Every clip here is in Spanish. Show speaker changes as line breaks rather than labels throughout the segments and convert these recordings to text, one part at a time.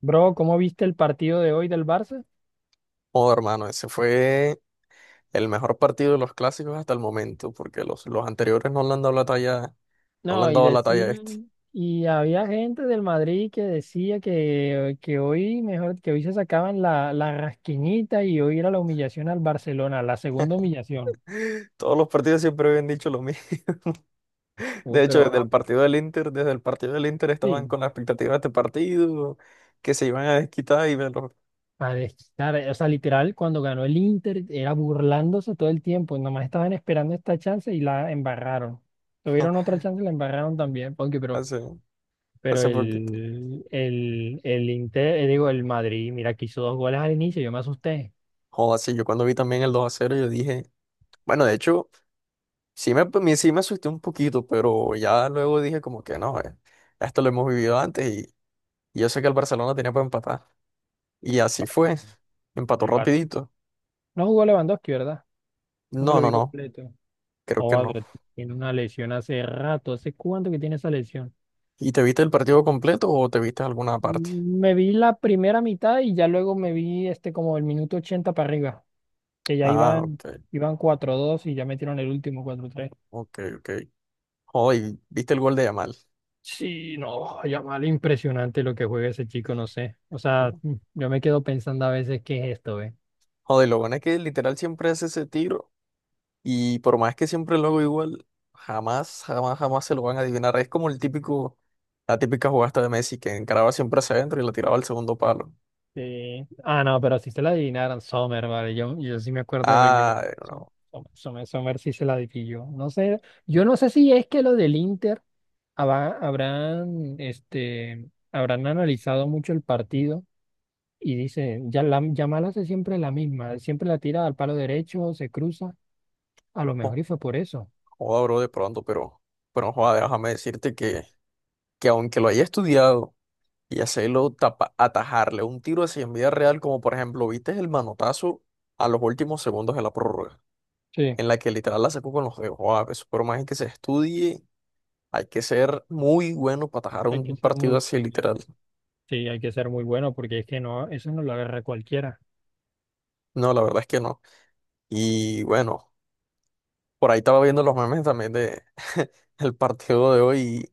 Bro, ¿cómo viste el partido de hoy del Barça?
Oh, hermano, ese fue el mejor partido de los clásicos hasta el momento, porque los anteriores no le han dado la talla, no le
No,
han
y
dado la talla a este.
decían, y había gente del Madrid que decía que hoy, mejor, que hoy se sacaban la rasquiñita y hoy era la humillación al Barcelona, la segunda humillación.
Todos los partidos siempre habían dicho lo mismo.
Uy,
De hecho,
pero
desde el
Ah,
partido del Inter, desde el partido del Inter estaban
Sí,
con la expectativa de este partido, que se iban a desquitar y verlo
para desquitar, o sea, literal, cuando ganó el Inter era burlándose todo el tiempo, nomás estaban esperando esta chance y la embarraron. Tuvieron otra chance y la embarraron también, porque pero
hace,
Pero
hace poquito.
el Inter, digo, el Madrid, mira que hizo dos goles al inicio, yo me asusté.
Joder, sí, yo cuando vi también el 2 a cero, yo dije, bueno, de hecho, sí me asusté un poquito, pero ya luego dije como que no, esto lo hemos vivido antes y yo sé que el Barcelona tenía para empatar. Y así fue. Empató
El Bar-
rapidito.
No jugó Lewandowski, ¿verdad? No me
No,
lo
no,
vi
no.
completo.
Creo que
Oh,
no.
pero tiene una lesión hace rato. ¿Hace cuánto que tiene esa lesión?
¿Y te viste el partido completo o te viste alguna parte?
Me vi la primera mitad y ya luego me vi como el minuto 80 para arriba, que ya
Ah,
iban,
ok.
iban 4-2 y ya metieron el último 4-3.
Ok, ok. Joder, ¿viste el gol de Yamal?
Sí, no, mal impresionante lo que juega ese chico, no sé. O sea,
No.
yo me quedo pensando a veces qué es esto, ¿eh?
Joder, lo bueno es que literal siempre hace ese tiro y por más que siempre lo hago igual, jamás, jamás, jamás se lo van a adivinar. Es como el típico, la típica jugada esta de Messi que encaraba siempre hacia adentro y la tiraba al segundo palo.
Sí. Ah, no, pero si se la adivinaron, Sommer, vale. Yo sí me acuerdo de haber llegado.
Ah, no.
Sommer sí se la adivinó. No sé, yo no sé si es que lo del Inter habrán analizado mucho el partido y dicen, ya la, Yamal hace siempre la misma, siempre la tira al palo derecho, se cruza. A lo
Jo-
mejor y fue por eso.
Joda, bro, de pronto, pero joda, déjame decirte que aunque lo haya estudiado, y hacerlo atajarle un tiro así en vida real, como por ejemplo, ¿viste el manotazo a los últimos segundos de la prórroga?
Sí,
En la que literal la sacó con los dedos. Wow, eso por más que se estudie, hay que ser muy bueno para atajar
hay que
un
ser
partido
muy
así
bueno.
literal.
Sí, hay que ser muy bueno porque es que no, eso no lo agarra cualquiera.
No, la verdad es que no. Y bueno, por ahí estaba viendo los memes también de el partido de hoy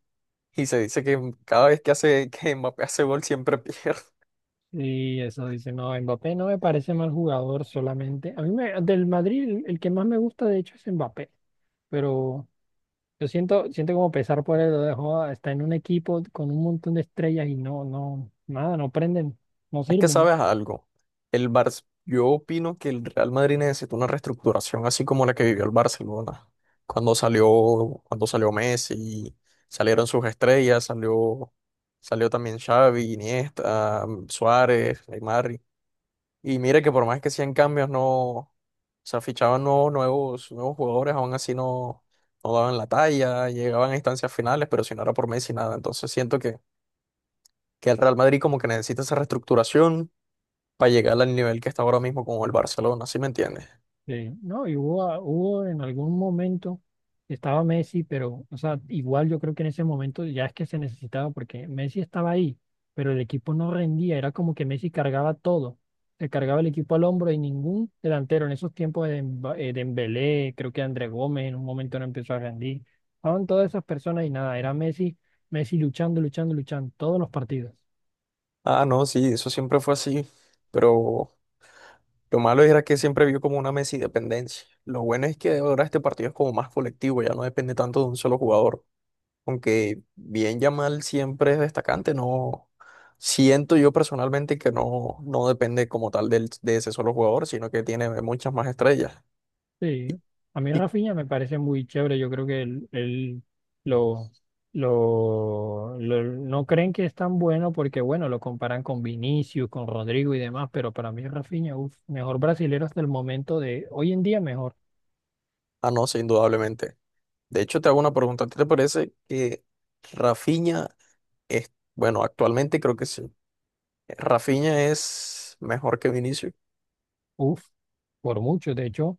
y se dice que cada vez que hace que Mbappé hace gol siempre pierde.
Y eso dice, no, Mbappé no me parece mal jugador solamente. Del Madrid el que más me gusta de hecho es Mbappé, pero yo siento como pesar por él, lo dejó, está en un equipo con un montón de estrellas y nada, no prenden, no
Es que
sirven.
sabes algo, el Bar yo opino que el Real Madrid necesita una reestructuración así como la que vivió el Barcelona. Cuando salió Messi, salieron sus estrellas, salió, salió también Xavi, Iniesta, Suárez, Neymar. Y mire que por más que sean cambios, no, o sea, fichaban nuevos nuevos jugadores, aún así no, no daban la talla, llegaban a instancias finales, pero si no era por Messi, nada. Entonces siento que el Real Madrid como que necesita esa reestructuración para llegar al nivel que está ahora mismo con el Barcelona, ¿sí me entiendes?
Sí, no, hubo en algún momento, estaba Messi, pero, o sea, igual yo creo que en ese momento ya es que se necesitaba, porque Messi estaba ahí, pero el equipo no rendía, era como que Messi cargaba todo, se cargaba el equipo al hombro y ningún delantero en esos tiempos de, Dembélé, creo que André Gómez en un momento no empezó a rendir, estaban todas esas personas y nada, era Messi, Messi luchando, luchando, luchando, todos los partidos.
Ah, no, sí, eso siempre fue así, pero lo malo era que siempre vio como una Messi dependencia. Lo bueno es que ahora este partido es como más colectivo, ya no depende tanto de un solo jugador, aunque bien Yamal siempre es destacante, no siento yo personalmente que no, no depende como tal del, de ese solo jugador, sino que tiene muchas más estrellas.
Sí,
Y,
a mí
y-
Rafinha me parece muy chévere. Yo creo que él lo, lo- no creen que es tan bueno porque, bueno, lo comparan con Vinicius, con Rodrigo y demás, pero para mí Rafinha, uf, mejor brasilero hasta el momento de hoy en día, mejor.
ah, no, sí, indudablemente. De hecho, te hago una pregunta, ¿a ti te parece que... Rafinha es, bueno, actualmente creo que sí. Rafinha es mejor que Vinicius.
Uf, por mucho. De hecho,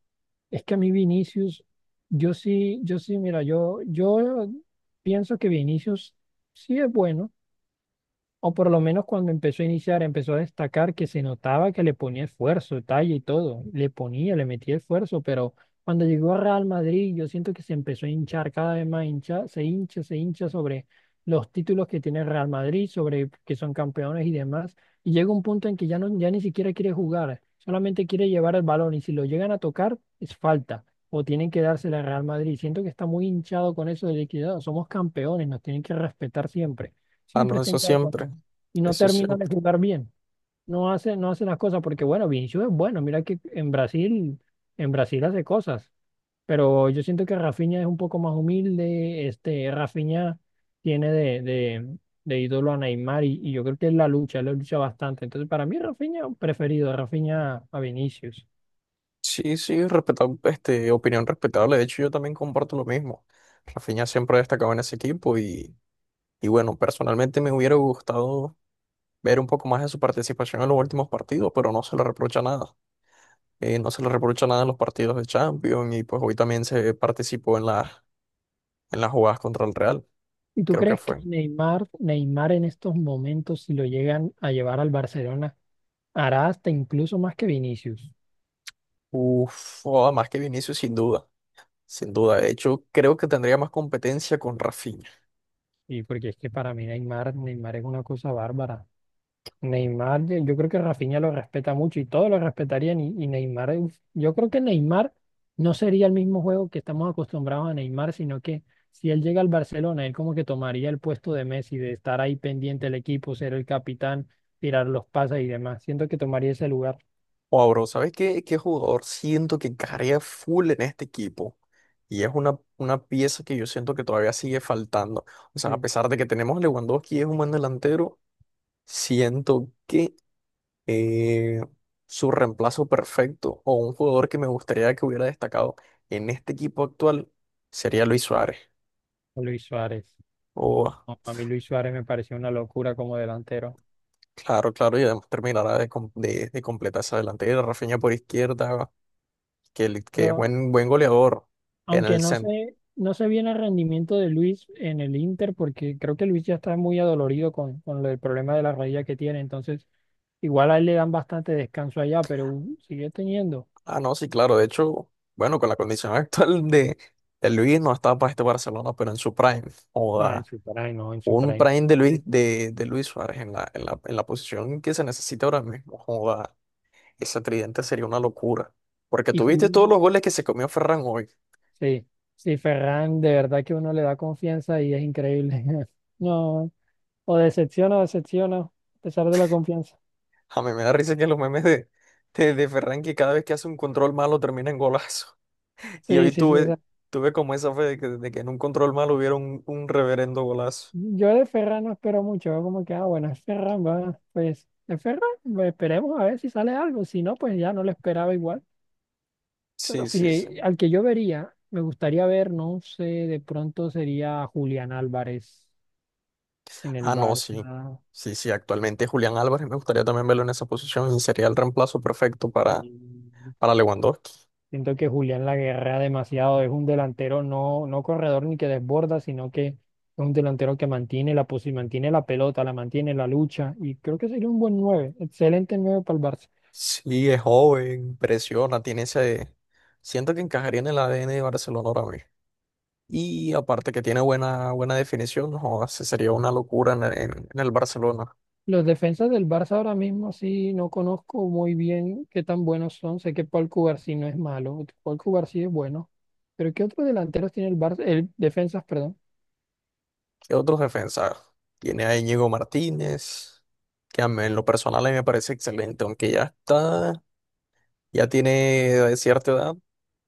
es que a mí Vinicius, mira, yo pienso que Vinicius sí es bueno. O por lo menos cuando empezó a iniciar, empezó a destacar que se notaba que le ponía esfuerzo, talla y todo. Le ponía, le metía esfuerzo, pero cuando llegó a Real Madrid, yo siento que se empezó a hinchar cada vez más, se hincha sobre los títulos que tiene Real Madrid, sobre que son campeones y demás. Y llega un punto en que ya, no, ya ni siquiera quiere jugar, solamente quiere llevar el balón y si lo llegan a tocar, es falta. O tienen que dársela a Real Madrid. Siento que está muy hinchado con eso de liquidado. Somos campeones, nos tienen que respetar siempre.
Ah,
Siempre
no,
está
eso
hinchado con
siempre.
y no
Eso
termina de
siempre.
jugar bien. No hace las cosas porque, bueno, Vinicius es bueno. Mira que en Brasil hace cosas. Pero yo siento que Rafinha es un poco más humilde. Rafinha tiene de ídolo a Neymar y yo creo que él la lucha bastante. Entonces, para mí, Rafinha preferido, Rafinha a Vinicius.
Sí, este, opinión respetable. De hecho, yo también comparto lo mismo. Rafinha siempre ha destacado en ese equipo y bueno, personalmente me hubiera gustado ver un poco más de su participación en los últimos partidos, pero no se le reprocha nada. No se le reprocha nada en los partidos de Champions y pues hoy también se participó en la, en las jugadas contra el Real,
¿Y tú
creo que
crees que
fue.
Neymar en estos momentos, si lo llegan a llevar al Barcelona, hará hasta incluso más que Vinicius?
Uf, oh, más que Vinicius sin duda. Sin duda, de hecho, creo que tendría más competencia con Rafinha.
Y porque es que para mí Neymar es una cosa bárbara. Neymar, yo creo que Rafinha lo respeta mucho y todos lo respetarían. Y Neymar, uf, yo creo que Neymar no sería el mismo juego que estamos acostumbrados a Neymar, sino que si él llega al Barcelona, él como que tomaría el puesto de Messi, de estar ahí pendiente del equipo, ser el capitán, tirar los pases y demás. Siento que tomaría ese lugar.
O bro, ¿sabes qué, qué jugador siento que encajaría full en este equipo? Y es una pieza que yo siento que todavía sigue faltando. O sea, a
eh,
pesar de que tenemos a Lewandowski, es un buen delantero, siento que eh, su reemplazo perfecto o un jugador que me gustaría que hubiera destacado en este equipo actual sería Luis Suárez.
Luis Suárez.
O
No, a mí Luis Suárez me pareció una locura como delantero.
claro, claro, y además terminará de, de completar esa delantera. Rafinha por izquierda, que, que es
Pero
buen, buen goleador en
Aunque
el
no
centro.
sé, no sé bien el rendimiento de Luis en el Inter, porque creo que Luis ya está muy adolorido con lo del problema de la rodilla que tiene. Entonces, igual a él le dan bastante descanso allá, pero sigue teniendo.
Ah, no, sí, claro. De hecho, bueno, con la condición actual de Luis no estaba para este Barcelona, pero en su prime.
Ah,
O
en su prime, no, en su
un
prime.
prime
La bestia.
De Luis Suárez en la, en la, en la posición que se necesita ahora mismo. Joda, ese tridente sería una locura. Porque
Y
tuviste todos
Jul-
los goles que se comió Ferran hoy.
sí, sí, Ferran, de verdad que uno le da confianza y es increíble. No, o decepciona, a pesar de la confianza.
A mí me da risa que los memes de Ferran que cada vez que hace un control malo termina en golazo. Y
Sí,
hoy
sí, sí.
tuve, tuve como esa fe de que en un control malo hubiera un reverendo golazo.
Yo de Ferran no espero mucho, veo como que, ah, bueno, es Ferran, va, pues, es Ferran, pues, esperemos a ver si sale algo, si no, pues ya no lo esperaba igual. Pero
Sí, sí,
sí,
sí.
al que yo vería, me gustaría ver, no sé, de pronto sería Julián Álvarez en el
Ah, no, sí.
Barça.
Sí, sí, actualmente Julián Álvarez me gustaría también verlo en esa posición. Sería el reemplazo perfecto
Y
para Lewandowski.
Siento que Julián la guerrea demasiado, es un delantero no corredor ni que desborda, sino que es un delantero que mantiene mantiene la pelota, la mantiene la lucha, y creo que sería un buen 9 excelente 9 para el Barça.
Sí, es joven, presiona, tiene ese... Siento que encajaría en el ADN de Barcelona ahora mismo. Y aparte que tiene buena, buena definición, no, ese sería una locura en, en el Barcelona.
Los defensas del Barça ahora mismo sí no conozco muy bien qué tan buenos son. Sé que Paul Cubarsí no es malo, Paul Cubarsí es bueno. Pero ¿qué otros delanteros tiene el Barça? El defensas, perdón.
¿Qué otros defensas? Tiene a Íñigo Martínez, que a mí en lo personal a mí me parece excelente, aunque ya está, ya tiene de cierta edad,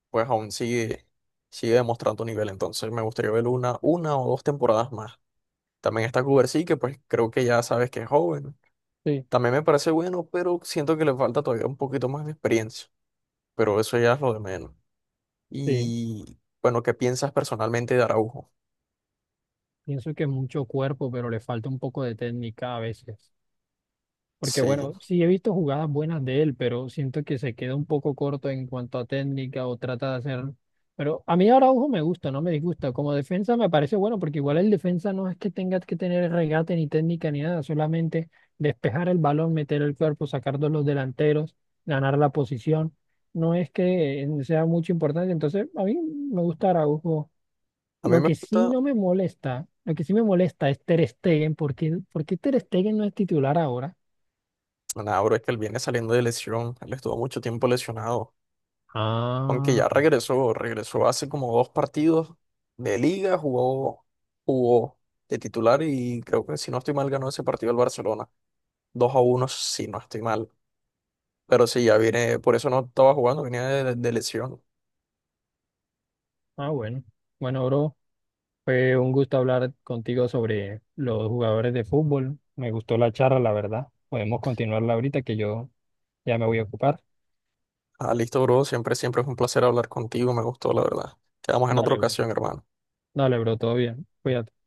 pues aún sigue, sigue demostrando nivel. Entonces me gustaría ver una o dos temporadas más. También está Kubersi, que pues creo que ya sabes que es joven.
Sí,
También me parece bueno, pero siento que le falta todavía un poquito más de experiencia. Pero eso ya es lo de menos.
sí.
Y bueno, ¿qué piensas personalmente de Araujo?
Pienso que mucho cuerpo, pero le falta un poco de técnica a veces. Porque
Sí,
bueno, sí he visto jugadas buenas de él, pero siento que se queda un poco corto en cuanto a técnica o trata de hacer... Pero a mí Araujo me gusta, no me disgusta. Como defensa me parece bueno, porque igual el defensa no es que tenga que tener regate ni técnica ni nada, solamente despejar el balón, meter el cuerpo, sacar de los delanteros, ganar la posición. No es que sea mucho importante, entonces a mí me gusta Araujo.
a mí
Lo
me
que sí
gusta,
no me molesta, Lo que sí me molesta es Ter Stegen, porque Ter Stegen no es titular ahora.
nada, bro, es que él viene saliendo de lesión. Él estuvo mucho tiempo lesionado. Aunque
Ah,
ya regresó, regresó hace como dos partidos de liga, jugó, jugó de titular y creo que si no estoy mal ganó ese partido el Barcelona. Dos a uno si no estoy mal. Pero sí, ya viene, por eso no estaba jugando, venía de lesión.
bueno. Bueno, bro, fue un gusto hablar contigo sobre los jugadores de fútbol. Me gustó la charla, la verdad. Podemos continuarla ahorita que yo ya me voy a ocupar.
Ah, listo, bro, siempre, siempre es un placer hablar contigo, me gustó, la verdad. Quedamos en otra
Dale, bro.
ocasión, hermano.
Dale, bro, todo bien. Cuídate.